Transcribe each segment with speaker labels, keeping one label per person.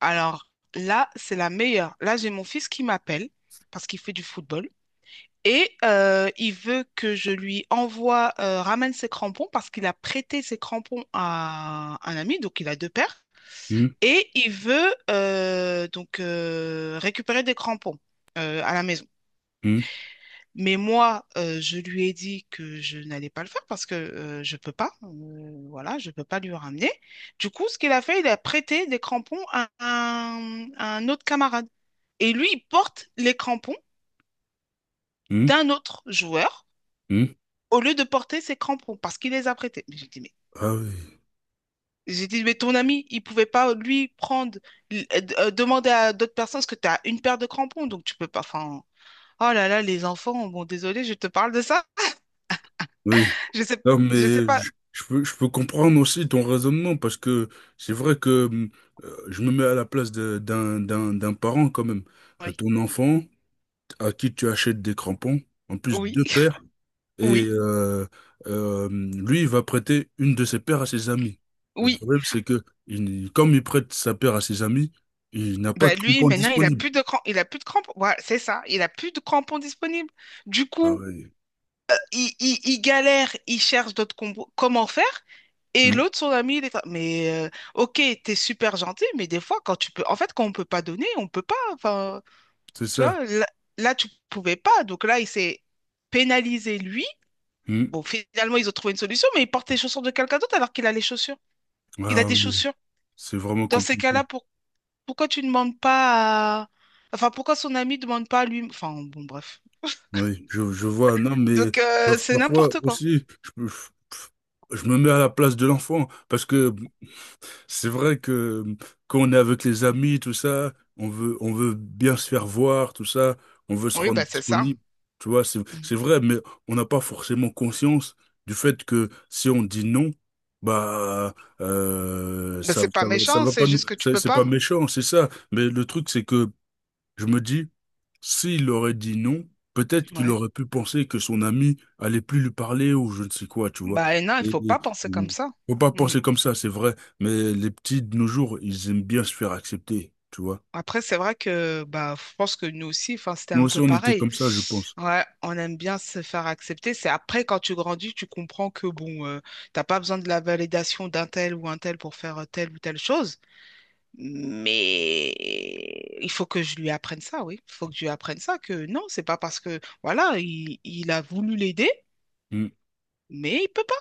Speaker 1: Alors là, c'est la meilleure. Là, j'ai mon fils qui m'appelle parce qu'il fait du football et il veut que je lui ramène ses crampons parce qu'il a prêté ses crampons à un ami, donc il a deux paires.
Speaker 2: Hmm,
Speaker 1: Et il veut donc récupérer des crampons à la maison.
Speaker 2: hmm,
Speaker 1: Mais moi, je lui ai dit que je n'allais pas le faire parce que je peux pas. Voilà, je peux pas lui ramener. Du coup, ce qu'il a fait, il a prêté des crampons à un autre camarade. Et lui, il porte les crampons
Speaker 2: hmm,
Speaker 1: d'un autre joueur
Speaker 2: hmm.
Speaker 1: au lieu de porter ses crampons parce qu'il les a prêtés. Mais
Speaker 2: Ah oui,
Speaker 1: j'ai dit, mais ton ami, il pouvait pas lui prendre, demander à d'autres personnes parce que tu as une paire de crampons, donc tu peux pas. Enfin, oh là là, les enfants, bon, désolé, je te parle de ça.
Speaker 2: oui.
Speaker 1: Je sais,
Speaker 2: Non,
Speaker 1: je sais
Speaker 2: mais
Speaker 1: pas.
Speaker 2: je peux comprendre aussi ton raisonnement parce que c'est vrai que je me mets à la place d'un parent quand même.
Speaker 1: Oui.
Speaker 2: Ton enfant à qui tu achètes des crampons, en plus
Speaker 1: Oui.
Speaker 2: deux paires, et
Speaker 1: Oui,
Speaker 2: lui, il va prêter une de ses paires à ses amis. Le
Speaker 1: oui.
Speaker 2: problème, c'est que comme il prête sa paire à ses amis, il n'a pas
Speaker 1: Bah
Speaker 2: de
Speaker 1: lui,
Speaker 2: crampons
Speaker 1: maintenant, il a
Speaker 2: disponibles.
Speaker 1: plus de crampons. Il a plus de crampons. Voilà, c'est ça. Il a plus de crampons disponibles. Du
Speaker 2: Ah
Speaker 1: coup,
Speaker 2: oui.
Speaker 1: il galère, il cherche d'autres combos. Comment faire? Et
Speaker 2: Hmm.
Speaker 1: l'autre, son ami, mais, ok, t'es super gentil, mais des fois, en fait, quand on peut pas donner, on peut pas. Enfin,
Speaker 2: C'est
Speaker 1: tu
Speaker 2: ça.
Speaker 1: vois, là, tu pouvais pas. Donc là, il s'est pénalisé, lui.
Speaker 2: Hmm.
Speaker 1: Bon, finalement, ils ont trouvé une solution, mais il porte les chaussures de quelqu'un d'autre alors qu'il a les chaussures. Il a
Speaker 2: Ah
Speaker 1: des
Speaker 2: oui.
Speaker 1: chaussures.
Speaker 2: C'est vraiment
Speaker 1: Dans ces
Speaker 2: compliqué.
Speaker 1: cas-là, pourquoi tu ne demandes pas à... Enfin, pourquoi son ami ne demande pas à lui... Enfin, bon, bref.
Speaker 2: Oui, je vois. Non, mais
Speaker 1: Donc, c'est
Speaker 2: parfois
Speaker 1: n'importe quoi.
Speaker 2: aussi, je me mets à la place de l'enfant parce que c'est vrai que quand on est avec les amis, tout ça, on veut bien se faire voir, tout ça, on veut se
Speaker 1: Oui, bah
Speaker 2: rendre
Speaker 1: c'est ça.
Speaker 2: disponible. Tu vois, c'est,
Speaker 1: Mm.
Speaker 2: c'est vrai, mais on n'a pas forcément conscience du fait que si on dit non, bah,
Speaker 1: Bah,
Speaker 2: ça,
Speaker 1: c'est pas
Speaker 2: ça, va ça
Speaker 1: méchant,
Speaker 2: va
Speaker 1: c'est
Speaker 2: pas nous,
Speaker 1: juste que tu
Speaker 2: c'est
Speaker 1: peux
Speaker 2: c'est pas
Speaker 1: pas.
Speaker 2: méchant, c'est ça. Mais le truc, c'est que je me dis, s'il aurait dit non, peut-être qu'il
Speaker 1: Ouais.
Speaker 2: aurait pu penser que son ami allait plus lui parler ou je ne sais quoi, tu vois.
Speaker 1: Bah, et non, il
Speaker 2: Et,
Speaker 1: faut
Speaker 2: et,
Speaker 1: pas penser comme ça.
Speaker 2: faut pas
Speaker 1: Mm.
Speaker 2: penser comme ça, c'est vrai, mais les petits de nos jours, ils aiment bien se faire accepter, tu vois.
Speaker 1: Après, c'est vrai que bah, je pense que nous aussi, enfin, c'était
Speaker 2: Nous
Speaker 1: un
Speaker 2: aussi,
Speaker 1: peu
Speaker 2: on était
Speaker 1: pareil.
Speaker 2: comme ça, je pense.
Speaker 1: Ouais, on aime bien se faire accepter. C'est après, quand tu grandis, tu comprends que bon, t'as pas besoin de la validation d'un tel ou un tel pour faire telle ou telle chose. Mais il faut que je lui apprenne ça, oui. Il faut que je lui apprenne ça, que non, c'est pas parce que, voilà, il a voulu l'aider,
Speaker 2: Mm.
Speaker 1: mais il peut pas.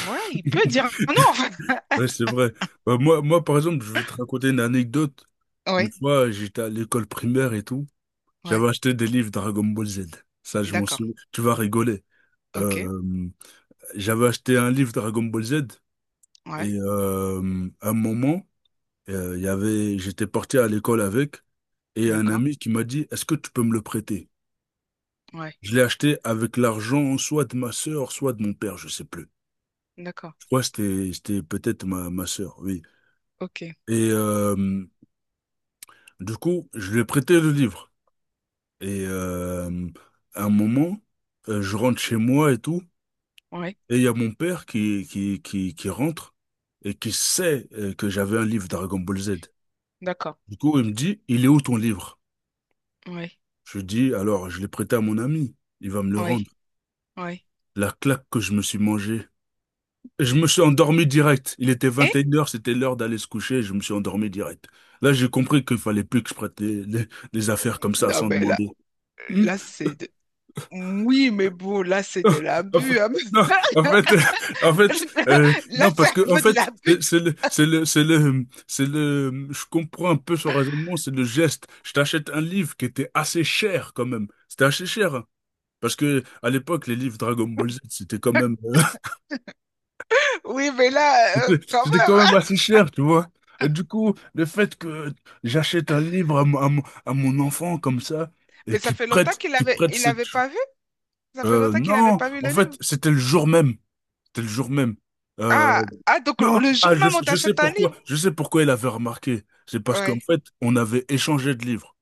Speaker 1: Voilà, il peut dire non, en fait.
Speaker 2: Ouais, c'est vrai. Bah, moi, par exemple, je veux te raconter une anecdote. Une
Speaker 1: Oui,
Speaker 2: fois, j'étais à l'école primaire et tout.
Speaker 1: oui,
Speaker 2: J'avais acheté des livres Dragon Ball Z. Ça, je m'en
Speaker 1: d'accord.
Speaker 2: souviens. Tu vas rigoler.
Speaker 1: Ok,
Speaker 2: Euh, J'avais acheté un livre Dragon Ball Z
Speaker 1: ouais,
Speaker 2: et à un moment, j'étais parti à l'école avec et un
Speaker 1: d'accord,
Speaker 2: ami qui m'a dit, est-ce que tu peux me le prêter?
Speaker 1: ouais,
Speaker 2: Je l'ai acheté avec l'argent soit de ma sœur, soit de mon père, je sais plus.
Speaker 1: d'accord,
Speaker 2: Je crois que c'était peut-être ma sœur, oui.
Speaker 1: ok,
Speaker 2: Et du coup, je lui ai prêté le livre. Et à un moment, je rentre chez moi et tout,
Speaker 1: ouais,
Speaker 2: et il y a mon père qui rentre et qui sait que j'avais un livre Dragon Ball Z.
Speaker 1: d'accord,
Speaker 2: Du coup, il me dit, il est où ton livre?
Speaker 1: ouais,
Speaker 2: Je lui dis, alors, je l'ai prêté à mon ami. Il va me le
Speaker 1: ouais,
Speaker 2: rendre.
Speaker 1: ouais.
Speaker 2: La claque que je me suis mangée. Je me suis endormi direct. Il était
Speaker 1: Eh?
Speaker 2: 21 heures. C'était l'heure d'aller se coucher, je me suis endormi direct. Là, j'ai compris qu'il fallait plus que je prête les affaires comme ça
Speaker 1: Non,
Speaker 2: sans
Speaker 1: mais là,
Speaker 2: demander. Hmm.
Speaker 1: là, c'est de... Oui, mais bon, là, c'est de l'abus, hein.
Speaker 2: Non. En fait, non, en fait,
Speaker 1: Là,
Speaker 2: non,
Speaker 1: c'est
Speaker 2: parce
Speaker 1: un
Speaker 2: que, en
Speaker 1: peu de
Speaker 2: fait,
Speaker 1: l'abus.
Speaker 2: c'est le, c'est le, c'est le, c'est le, je comprends un peu son raisonnement, c'est le geste. Je t'achète un livre qui était assez cher quand même. C'était assez cher, hein. Parce que à l'époque, les livres Dragon Ball Z,
Speaker 1: Oui, mais là, quand
Speaker 2: c'était quand même
Speaker 1: même.
Speaker 2: assez cher, tu vois. Et du coup, le fait que j'achète un livre à, à mon enfant comme ça et
Speaker 1: Mais ça
Speaker 2: qu'il
Speaker 1: fait longtemps
Speaker 2: prête,
Speaker 1: qu'
Speaker 2: qu'il prête
Speaker 1: il
Speaker 2: cette,
Speaker 1: avait pas vu. Ça fait longtemps qu'il avait
Speaker 2: non,
Speaker 1: pas vu
Speaker 2: en
Speaker 1: le
Speaker 2: fait,
Speaker 1: livre.
Speaker 2: c'était le jour même, c'était le jour même. Euh,
Speaker 1: Ah, ah, donc le
Speaker 2: non,
Speaker 1: le jour
Speaker 2: ah, je,
Speaker 1: même, on
Speaker 2: je sais
Speaker 1: t'achète un
Speaker 2: pourquoi,
Speaker 1: livre.
Speaker 2: je sais pourquoi il avait remarqué. C'est parce qu'en
Speaker 1: Ouais.
Speaker 2: fait, on avait échangé de livres,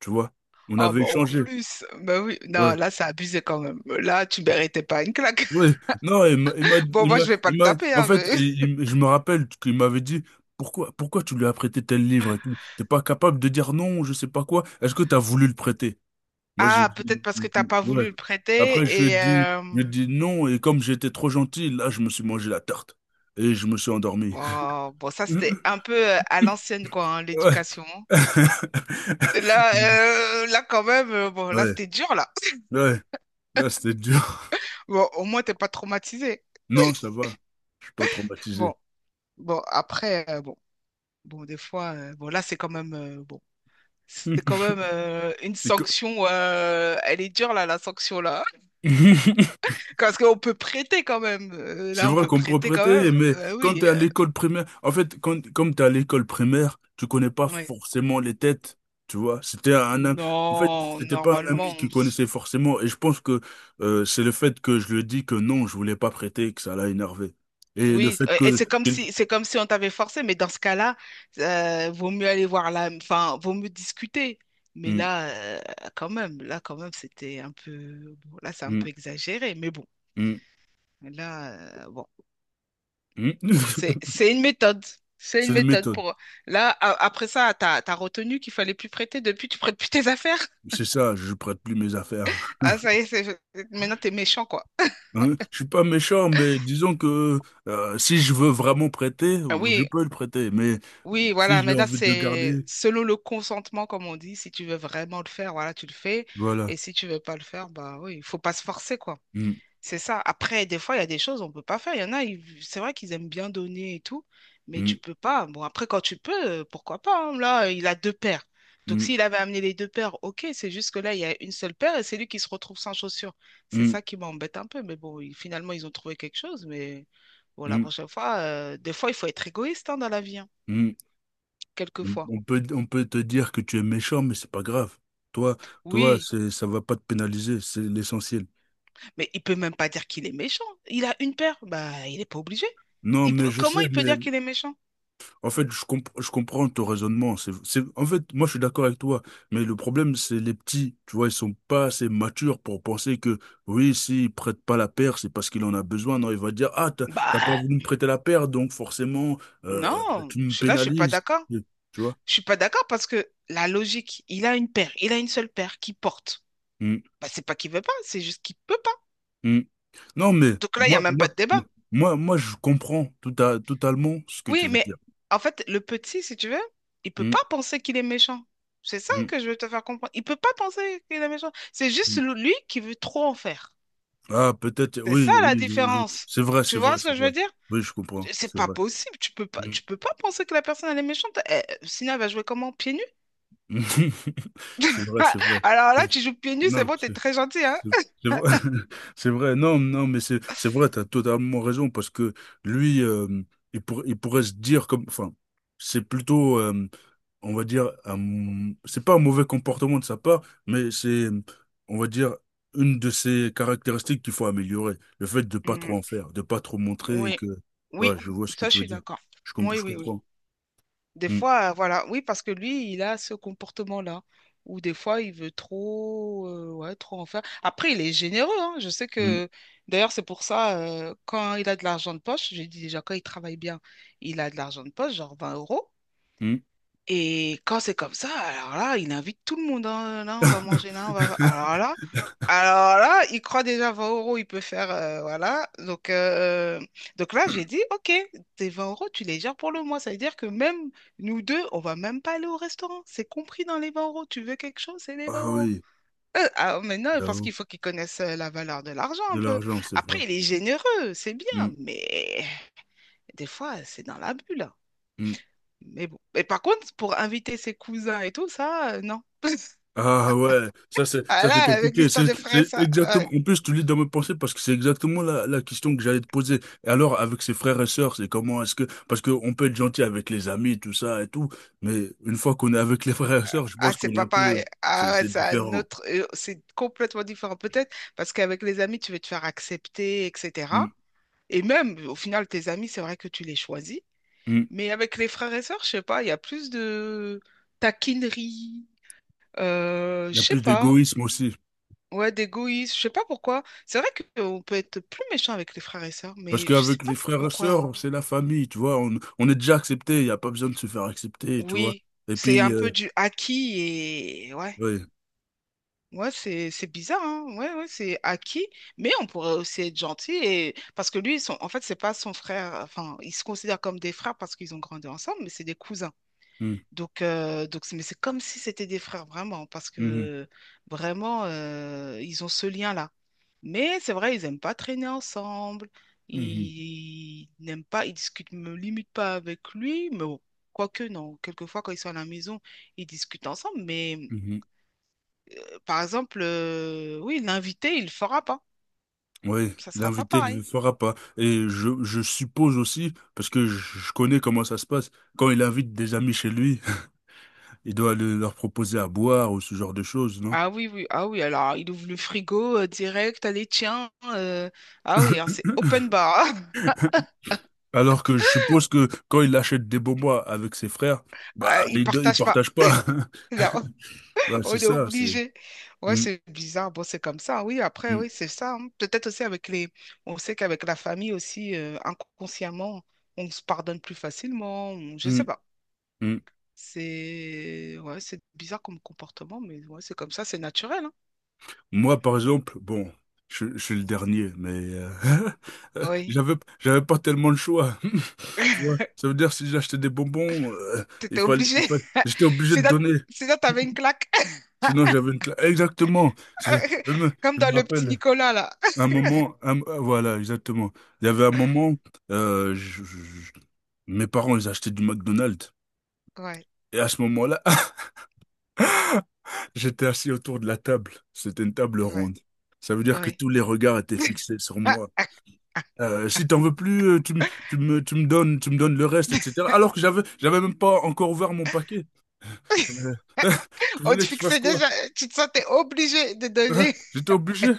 Speaker 2: tu vois. On
Speaker 1: Ah,
Speaker 2: avait
Speaker 1: bah en
Speaker 2: échangé.
Speaker 1: plus, bah oui, non,
Speaker 2: Ouais.
Speaker 1: là, c'est abusé quand même. Là, tu méritais pas une claque.
Speaker 2: Oui, non,
Speaker 1: Bon, moi, je vais pas le taper,
Speaker 2: en
Speaker 1: hein,
Speaker 2: fait,
Speaker 1: mais-
Speaker 2: je me rappelle qu'il m'avait dit pourquoi tu lui as prêté tel livre et tout. T'es pas capable de dire non, je sais pas quoi. Est-ce que t'as voulu le prêter? Moi, j'ai
Speaker 1: Ah, peut-être
Speaker 2: dit
Speaker 1: parce que t'as pas
Speaker 2: ouais.
Speaker 1: voulu le
Speaker 2: Après, je lui
Speaker 1: prêter
Speaker 2: ai
Speaker 1: et...
Speaker 2: dit,
Speaker 1: euh,
Speaker 2: je lui ai dit non, et comme j'étais trop gentil, là, je me suis mangé la tarte et je me suis endormi.
Speaker 1: Bon, bon, ça, c'était un peu à l'ancienne, quoi, hein,
Speaker 2: Ouais.
Speaker 1: l'éducation. Là, là, quand même, bon, là,
Speaker 2: Ouais,
Speaker 1: c'était dur, là.
Speaker 2: ouais, là, c'était dur.
Speaker 1: Bon, au moins, t'es pas traumatisé.
Speaker 2: Non, ça va, je suis pas traumatisé.
Speaker 1: Bon, bon, après, bon. Bon, des fois, bon, là, c'est quand même, bon, c'est quand même une
Speaker 2: C'est quoi?
Speaker 1: sanction. Elle est dure, là, la sanction, là. Parce qu'on peut prêter quand même. Euh,
Speaker 2: C'est
Speaker 1: là, on
Speaker 2: vrai
Speaker 1: peut
Speaker 2: qu'on peut
Speaker 1: prêter quand
Speaker 2: prêter,
Speaker 1: même.
Speaker 2: mais
Speaker 1: Euh,
Speaker 2: quand
Speaker 1: oui,
Speaker 2: t'es à l'école primaire, en fait, comme t'es à l'école primaire, tu connais pas
Speaker 1: ouais.
Speaker 2: forcément les têtes, tu vois. C'était en fait,
Speaker 1: Non,
Speaker 2: c'était pas un
Speaker 1: normalement.
Speaker 2: ami qui connaissait forcément, et je pense que c'est le fait que je lui ai dit que non, je voulais pas prêter, que ça l'a énervé. Et le
Speaker 1: Oui,
Speaker 2: fait
Speaker 1: et
Speaker 2: que...
Speaker 1: c'est comme si on t'avait forcé, mais dans ce cas-là, vaut mieux aller voir là, enfin, vaut mieux discuter. Mais
Speaker 2: Hmm,
Speaker 1: là, quand même, là, quand même, c'était un peu, bon, là, c'est un
Speaker 2: hmm,
Speaker 1: peu exagéré, mais bon,
Speaker 2: hmm,
Speaker 1: là, bon.
Speaker 2: hmm.
Speaker 1: C'est, c'est une méthode. C'est
Speaker 2: C'est
Speaker 1: une
Speaker 2: une
Speaker 1: méthode
Speaker 2: méthode.
Speaker 1: pour. Là, après ça, t'as retenu qu'il fallait plus prêter. Depuis, tu prêtes plus tes affaires.
Speaker 2: C'est ça, je prête plus mes affaires, hein.
Speaker 1: Ah, ça y est, maintenant, t'es méchant, quoi.
Speaker 2: Hein? Je suis pas méchant, mais disons que si je veux vraiment prêter,
Speaker 1: Ah
Speaker 2: je
Speaker 1: oui,
Speaker 2: peux le prêter. Mais
Speaker 1: oui,
Speaker 2: si
Speaker 1: voilà.
Speaker 2: j'ai
Speaker 1: Maintenant,
Speaker 2: envie de le
Speaker 1: c'est
Speaker 2: garder.
Speaker 1: selon le consentement, comme on dit. Si tu veux vraiment le faire, voilà, tu le fais.
Speaker 2: Voilà.
Speaker 1: Et si tu veux pas le faire, bah oui, il faut pas se forcer, quoi.
Speaker 2: Hmm,
Speaker 1: C'est ça. Après, des fois, il y a des choses on peut pas faire. Il y en a, c'est vrai qu'ils aiment bien donner et tout, mais
Speaker 2: hmm,
Speaker 1: tu peux pas. Bon, après, quand tu peux, pourquoi pas, hein. Là, il a deux paires. Donc,
Speaker 2: hmm,
Speaker 1: s'il avait amené les deux paires, ok, c'est juste que là, il y a une seule paire et c'est lui qui se retrouve sans chaussures. C'est
Speaker 2: hmm,
Speaker 1: ça qui m'embête un peu. Mais bon, finalement, ils ont trouvé quelque chose. Mais bon, la
Speaker 2: hmm,
Speaker 1: prochaine fois, des fois, il faut être égoïste hein, dans la vie, hein,
Speaker 2: hmm. On
Speaker 1: quelquefois.
Speaker 2: on peut, on peut te dire que tu es méchant, mais c'est pas grave. Toi, toi,
Speaker 1: Oui,
Speaker 2: c'est, ça va pas te pénaliser, c'est l'essentiel.
Speaker 1: mais il peut même pas dire qu'il est méchant. Il a une paire, bah, il n'est pas obligé.
Speaker 2: Non,
Speaker 1: Il
Speaker 2: mais
Speaker 1: peut...
Speaker 2: je
Speaker 1: Comment
Speaker 2: sais,
Speaker 1: il peut
Speaker 2: mais
Speaker 1: dire qu'il est méchant?
Speaker 2: en fait, je comprends ton raisonnement. C'est, en fait, moi, je suis d'accord avec toi, mais le problème, c'est les petits. Tu vois, ils sont pas assez matures pour penser que, oui, s'il prête pas la paire, c'est parce qu'il en a besoin. Non, il va dire, ah, t'as pas
Speaker 1: Bah,
Speaker 2: voulu me prêter la paire, donc forcément,
Speaker 1: non,
Speaker 2: tu me
Speaker 1: je suis là, je suis pas
Speaker 2: pénalises.
Speaker 1: d'accord.
Speaker 2: Tu vois?
Speaker 1: Je suis pas d'accord parce que la logique, il a une paire, il a une seule paire qui porte. Bah, c'est pas qu'il veut pas, c'est juste qu'il peut pas.
Speaker 2: Mm. Non, mais
Speaker 1: Donc là, il y a
Speaker 2: moi,
Speaker 1: même pas de
Speaker 2: moi,
Speaker 1: débat.
Speaker 2: moi, moi, je comprends totalement ce que tu
Speaker 1: Oui,
Speaker 2: veux
Speaker 1: mais
Speaker 2: dire.
Speaker 1: en fait, le petit, si tu veux, il peut
Speaker 2: Hmm,
Speaker 1: pas penser qu'il est méchant. C'est ça
Speaker 2: hmm,
Speaker 1: que je veux te faire comprendre. Il peut pas penser qu'il est méchant. C'est juste
Speaker 2: hmm.
Speaker 1: lui qui veut trop en faire.
Speaker 2: Ah, peut-être,
Speaker 1: C'est ça
Speaker 2: oui,
Speaker 1: la
Speaker 2: oui,
Speaker 1: différence.
Speaker 2: c'est vrai,
Speaker 1: Tu
Speaker 2: c'est vrai,
Speaker 1: vois ce
Speaker 2: c'est
Speaker 1: que je
Speaker 2: vrai.
Speaker 1: veux dire?
Speaker 2: Oui, je comprends,
Speaker 1: C'est
Speaker 2: c'est
Speaker 1: pas
Speaker 2: vrai.
Speaker 1: possible. Tu peux pas,
Speaker 2: Hmm.
Speaker 1: tu peux pas penser que la personne elle est méchante. Eh, sinon, elle va jouer comment? Pieds nus?
Speaker 2: C'est vrai, c'est vrai.
Speaker 1: Alors là,
Speaker 2: C'est-
Speaker 1: tu joues pieds nus, c'est
Speaker 2: Non,
Speaker 1: bon, t'es très gentil, hein?
Speaker 2: c'est- c'est vrai. C'est vrai, non, non, mais c'est vrai, tu as totalement raison, parce que lui, il pourrait se dire comme, enfin, c'est plutôt on va dire, c'est pas un mauvais comportement de sa part, mais c'est, on va dire, une de ses caractéristiques qu'il faut améliorer. Le fait de pas
Speaker 1: Mm,
Speaker 2: trop en faire, de pas trop montrer et
Speaker 1: oui,
Speaker 2: que, ouais,
Speaker 1: oui,
Speaker 2: je vois ce que
Speaker 1: ça je
Speaker 2: tu veux
Speaker 1: suis
Speaker 2: dire.
Speaker 1: d'accord. Oui,
Speaker 2: Je
Speaker 1: oui, oui.
Speaker 2: comprends.
Speaker 1: Des
Speaker 2: Hmm,
Speaker 1: fois, voilà, oui, parce que lui, il a ce comportement-là, où des fois, il veut trop, ouais, trop en faire. Après, il est généreux, hein. Je sais
Speaker 2: hmm,
Speaker 1: que, d'ailleurs, c'est pour ça, quand il a de l'argent de poche, j'ai dit déjà, quand il travaille bien, il a de l'argent de poche, genre 20 euros.
Speaker 2: hmm.
Speaker 1: Et quand c'est comme ça, alors là, il invite tout le monde. Hein. Là, on va manger, là, on va... alors là, il croit déjà 20 euros, il peut faire... voilà. Donc, là, j'ai dit, OK, tes 20 euros, tu les gères pour le mois. Ça veut dire que même nous deux, on va même pas aller au restaurant. C'est compris dans les 20 euros. Tu veux quelque chose, c'est les 20
Speaker 2: Ah
Speaker 1: euros.
Speaker 2: oui,
Speaker 1: Ah, mais non, parce qu'il
Speaker 2: j'avoue.
Speaker 1: faut qu'ils connaissent la valeur de l'argent
Speaker 2: De
Speaker 1: un peu.
Speaker 2: l'argent, c'est vrai.
Speaker 1: Après, il est généreux, c'est
Speaker 2: Hmm,
Speaker 1: bien, mais des fois, c'est dans la bulle.
Speaker 2: hmm.
Speaker 1: Mais bon. Et par contre, pour inviter ses cousins et tout, ça, non.
Speaker 2: Ah ouais, ça c'est
Speaker 1: Ah
Speaker 2: ça
Speaker 1: là,
Speaker 2: c'est
Speaker 1: avec
Speaker 2: compliqué. C'est
Speaker 1: l'histoire des frères,
Speaker 2: c'est
Speaker 1: ça.
Speaker 2: exactement.
Speaker 1: Ouais.
Speaker 2: En plus, tu lis dans mes pensées parce que c'est exactement la question que j'allais te poser. Et alors, avec ses frères et sœurs, c'est comment est-ce que parce qu'on peut être gentil avec les amis, tout ça et tout, mais une fois qu'on est avec les frères et sœurs, je
Speaker 1: Ah,
Speaker 2: pense
Speaker 1: c'est
Speaker 2: qu'on est
Speaker 1: pas
Speaker 2: un peu
Speaker 1: pareil.
Speaker 2: c'est
Speaker 1: Ah ouais,
Speaker 2: c'est
Speaker 1: c'est un
Speaker 2: différent.
Speaker 1: autre. C'est complètement différent. Peut-être parce qu'avec les amis, tu veux te faire accepter, etc.
Speaker 2: Mm,
Speaker 1: Et même, au final, tes amis, c'est vrai que tu les choisis.
Speaker 2: mm.
Speaker 1: Mais avec les frères et sœurs, je sais pas, il y a plus de taquinerie. Euh,
Speaker 2: Il y
Speaker 1: je
Speaker 2: a
Speaker 1: sais
Speaker 2: plus
Speaker 1: pas.
Speaker 2: d'égoïsme aussi
Speaker 1: Ouais, d'égoïsme. Je sais pas pourquoi. C'est vrai qu'on peut être plus méchant avec les frères et sœurs,
Speaker 2: parce
Speaker 1: mais je sais
Speaker 2: qu'avec
Speaker 1: pas
Speaker 2: les frères et
Speaker 1: pourquoi.
Speaker 2: sœurs, c'est la famille, tu vois. On est déjà accepté, il n'y a pas besoin de se faire accepter, tu vois.
Speaker 1: Oui,
Speaker 2: Et
Speaker 1: c'est
Speaker 2: puis,
Speaker 1: un peu du acquis et ouais,
Speaker 2: ouais.
Speaker 1: ouais, c'est bizarre, hein. Ouais, ouais, c'est acquis, mais on pourrait aussi être gentil et parce que lui, ils sont en fait, c'est pas son frère. Enfin, ils se considèrent comme des frères parce qu'ils ont grandi ensemble, mais c'est des cousins.
Speaker 2: Mm.
Speaker 1: Donc, mais c'est comme si c'était des frères, vraiment, parce
Speaker 2: Mhm,
Speaker 1: que vraiment, ils ont ce lien-là. Mais c'est vrai, ils n'aiment pas traîner ensemble,
Speaker 2: mhm,
Speaker 1: ils discutent limite pas avec lui, mais bon, quoique non, quelquefois quand ils sont à la maison, ils discutent ensemble, mais
Speaker 2: mhm.
Speaker 1: par exemple, oui, l'invité, il ne le fera pas,
Speaker 2: Oui,
Speaker 1: ça sera pas
Speaker 2: l'invité ne le
Speaker 1: pareil.
Speaker 2: fera pas. Et je suppose aussi, parce que je connais comment ça se passe, quand il invite des amis chez lui, il doit leur proposer à boire ou ce genre de choses, non?
Speaker 1: Ah oui, oui, ah oui, alors il ouvre le frigo direct, allez, tiens, ah oui, hein, c'est open bar.
Speaker 2: Alors que je suppose que quand il achète des bonbons avec ses frères, bah,
Speaker 1: Ah, ils
Speaker 2: il ne
Speaker 1: partagent pas.
Speaker 2: partage pas.
Speaker 1: Là,
Speaker 2: Bah,
Speaker 1: on
Speaker 2: c'est
Speaker 1: est
Speaker 2: ça, c'est...
Speaker 1: obligé. Ouais,
Speaker 2: Mm,
Speaker 1: c'est bizarre. Bon, c'est comme ça. Oui, après,
Speaker 2: mm,
Speaker 1: oui, c'est ça. Hein. Peut-être aussi avec les. On sait qu'avec la famille aussi, inconsciemment, on se pardonne plus facilement. Je sais pas.
Speaker 2: mm, mm.
Speaker 1: C'est ouais, c'est bizarre comme comportement, mais ouais, c'est comme ça, c'est naturel. Hein.
Speaker 2: Moi, par exemple, bon, je suis le dernier, mais euh,
Speaker 1: Oui.
Speaker 2: j'avais, j'avais pas tellement le choix. Tu vois, ça veut dire si j'achetais des bonbons,
Speaker 1: T'étais obligé.
Speaker 2: j'étais obligé
Speaker 1: C'est
Speaker 2: de
Speaker 1: là,
Speaker 2: donner.
Speaker 1: c'est là, t'avais une claque.
Speaker 2: Sinon, j'avais une classe. Exactement. Je, je me,
Speaker 1: Comme
Speaker 2: je me
Speaker 1: dans le Petit
Speaker 2: rappelle
Speaker 1: Nicolas, là.
Speaker 2: un moment, voilà, exactement. Il y avait un moment, euh, je- je- je- mes parents, ils achetaient du McDonald's.
Speaker 1: Ouais,
Speaker 2: Et à ce moment-là, j'étais assis autour de la table. C'était une table
Speaker 1: ouais,
Speaker 2: ronde. Ça veut dire que
Speaker 1: ouais.
Speaker 2: tous les regards étaient fixés sur moi. Si t'en veux plus, tu me, tu me, tu me donnes le reste, etc. Alors que j'avais même pas encore ouvert mon paquet. Euh, Tu
Speaker 1: On te
Speaker 2: voulais que je fasse
Speaker 1: fixait
Speaker 2: quoi?
Speaker 1: déjà, tu te sentais obligé de
Speaker 2: Ah,
Speaker 1: donner.
Speaker 2: j'étais obligé.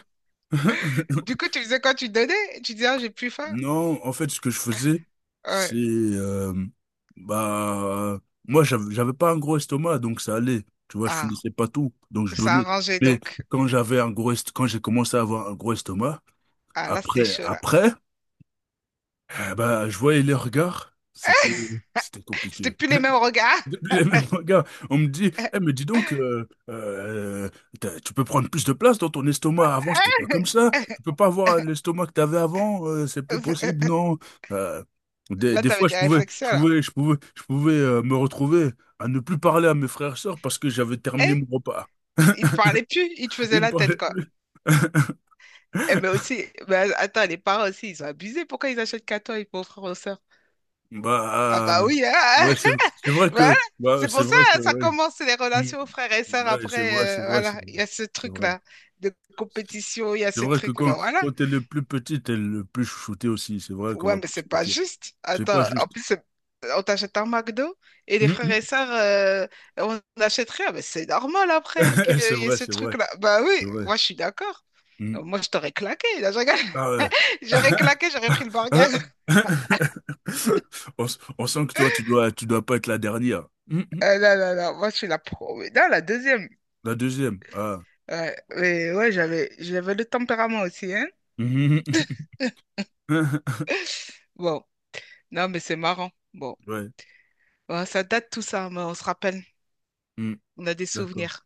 Speaker 1: Du coup, tu faisais quoi? Tu donnais? Tu disais, ah, j'ai plus faim.
Speaker 2: Non, en fait, ce que je faisais, c'est...
Speaker 1: Ouais.
Speaker 2: bah, moi, j'avais pas un gros estomac, donc ça allait. Tu vois, je
Speaker 1: Ah,
Speaker 2: finissais pas tout, donc je
Speaker 1: ça a
Speaker 2: donnais.
Speaker 1: arrangé
Speaker 2: Mais
Speaker 1: donc.
Speaker 2: quand j'ai commencé à avoir un gros estomac,
Speaker 1: Ah, là, c'était
Speaker 2: après,
Speaker 1: chaud, là.
Speaker 2: après, eh bah, je voyais les regards, c'était
Speaker 1: C'était
Speaker 2: compliqué.
Speaker 1: plus les mêmes regards.
Speaker 2: Le même gars, on me dit, eh mais dis donc, tu peux prendre plus de place dans ton estomac. Avant, c'était pas comme ça. Tu peux pas avoir l'estomac que t'avais avant. C'est plus possible, non. Euh, des,
Speaker 1: Là,
Speaker 2: des
Speaker 1: t'avais
Speaker 2: fois, je
Speaker 1: des
Speaker 2: pouvais,
Speaker 1: réflexions,
Speaker 2: je
Speaker 1: là.
Speaker 2: pouvais, je pouvais, je pouvais me retrouver à ne plus parler à mes frères et sœurs parce que j'avais terminé
Speaker 1: Eh,
Speaker 2: mon repas.
Speaker 1: ils te parlait plus, il te faisait
Speaker 2: Ils me
Speaker 1: la
Speaker 2: parlaient
Speaker 1: tête, quoi.
Speaker 2: plus.
Speaker 1: Eh, mais aussi, mais attends, les parents aussi, ils ont abusé. Pourquoi ils achètent qu'à toi, ils pauvres frères aux sœurs? Ah,
Speaker 2: Bah,
Speaker 1: bah oui, hein.
Speaker 2: ouais, c'est vrai
Speaker 1: Voilà.
Speaker 2: que, bah,
Speaker 1: C'est
Speaker 2: c'est
Speaker 1: pour ça,
Speaker 2: vrai que,
Speaker 1: hein, ça
Speaker 2: oui.
Speaker 1: commence c'est les relations frères et
Speaker 2: Mm.
Speaker 1: sœurs
Speaker 2: Ouais, c'est
Speaker 1: après.
Speaker 2: vrai, c'est
Speaker 1: euh,
Speaker 2: vrai, c'est
Speaker 1: voilà, il
Speaker 2: vrai,
Speaker 1: y a ce
Speaker 2: c'est vrai.
Speaker 1: truc-là de compétition, il y a
Speaker 2: C'est
Speaker 1: ce
Speaker 2: vrai que
Speaker 1: truc-là.
Speaker 2: quand,
Speaker 1: Voilà.
Speaker 2: quand t'es le plus petit, t'es le plus chouchouté aussi. C'est vrai qu'on
Speaker 1: Ouais,
Speaker 2: va
Speaker 1: mais
Speaker 2: pas se
Speaker 1: c'est pas
Speaker 2: mentir.
Speaker 1: juste.
Speaker 2: C'est pas
Speaker 1: Attends, en
Speaker 2: juste.
Speaker 1: plus, on t'achète un McDo et les
Speaker 2: Hum,
Speaker 1: frères
Speaker 2: hum.
Speaker 1: et sœurs, on n'achète rien. Mais c'est normal après qu'il
Speaker 2: C'est
Speaker 1: y ait
Speaker 2: vrai,
Speaker 1: ce
Speaker 2: c'est vrai,
Speaker 1: truc-là. Bah
Speaker 2: c'est
Speaker 1: oui,
Speaker 2: vrai.
Speaker 1: moi je suis d'accord.
Speaker 2: Hum.
Speaker 1: Moi je t'aurais claqué. Là, je rigole.
Speaker 2: Ah ouais.
Speaker 1: J'aurais claqué, j'aurais pris le burger.
Speaker 2: Ah. On sent que toi, tu dois pas être la dernière.
Speaker 1: Non, non, non, moi je suis la pro. Non, la deuxième.
Speaker 2: La deuxième. Ah.
Speaker 1: Ouais, mais ouais, j'avais le tempérament aussi, hein.
Speaker 2: Hum, hum, hum.
Speaker 1: Bon. Non, mais c'est marrant. Bon,
Speaker 2: Ouais.
Speaker 1: ouais, ça date tout ça, hein, mais on se rappelle.
Speaker 2: Hum.
Speaker 1: On a des
Speaker 2: D'accord.
Speaker 1: souvenirs.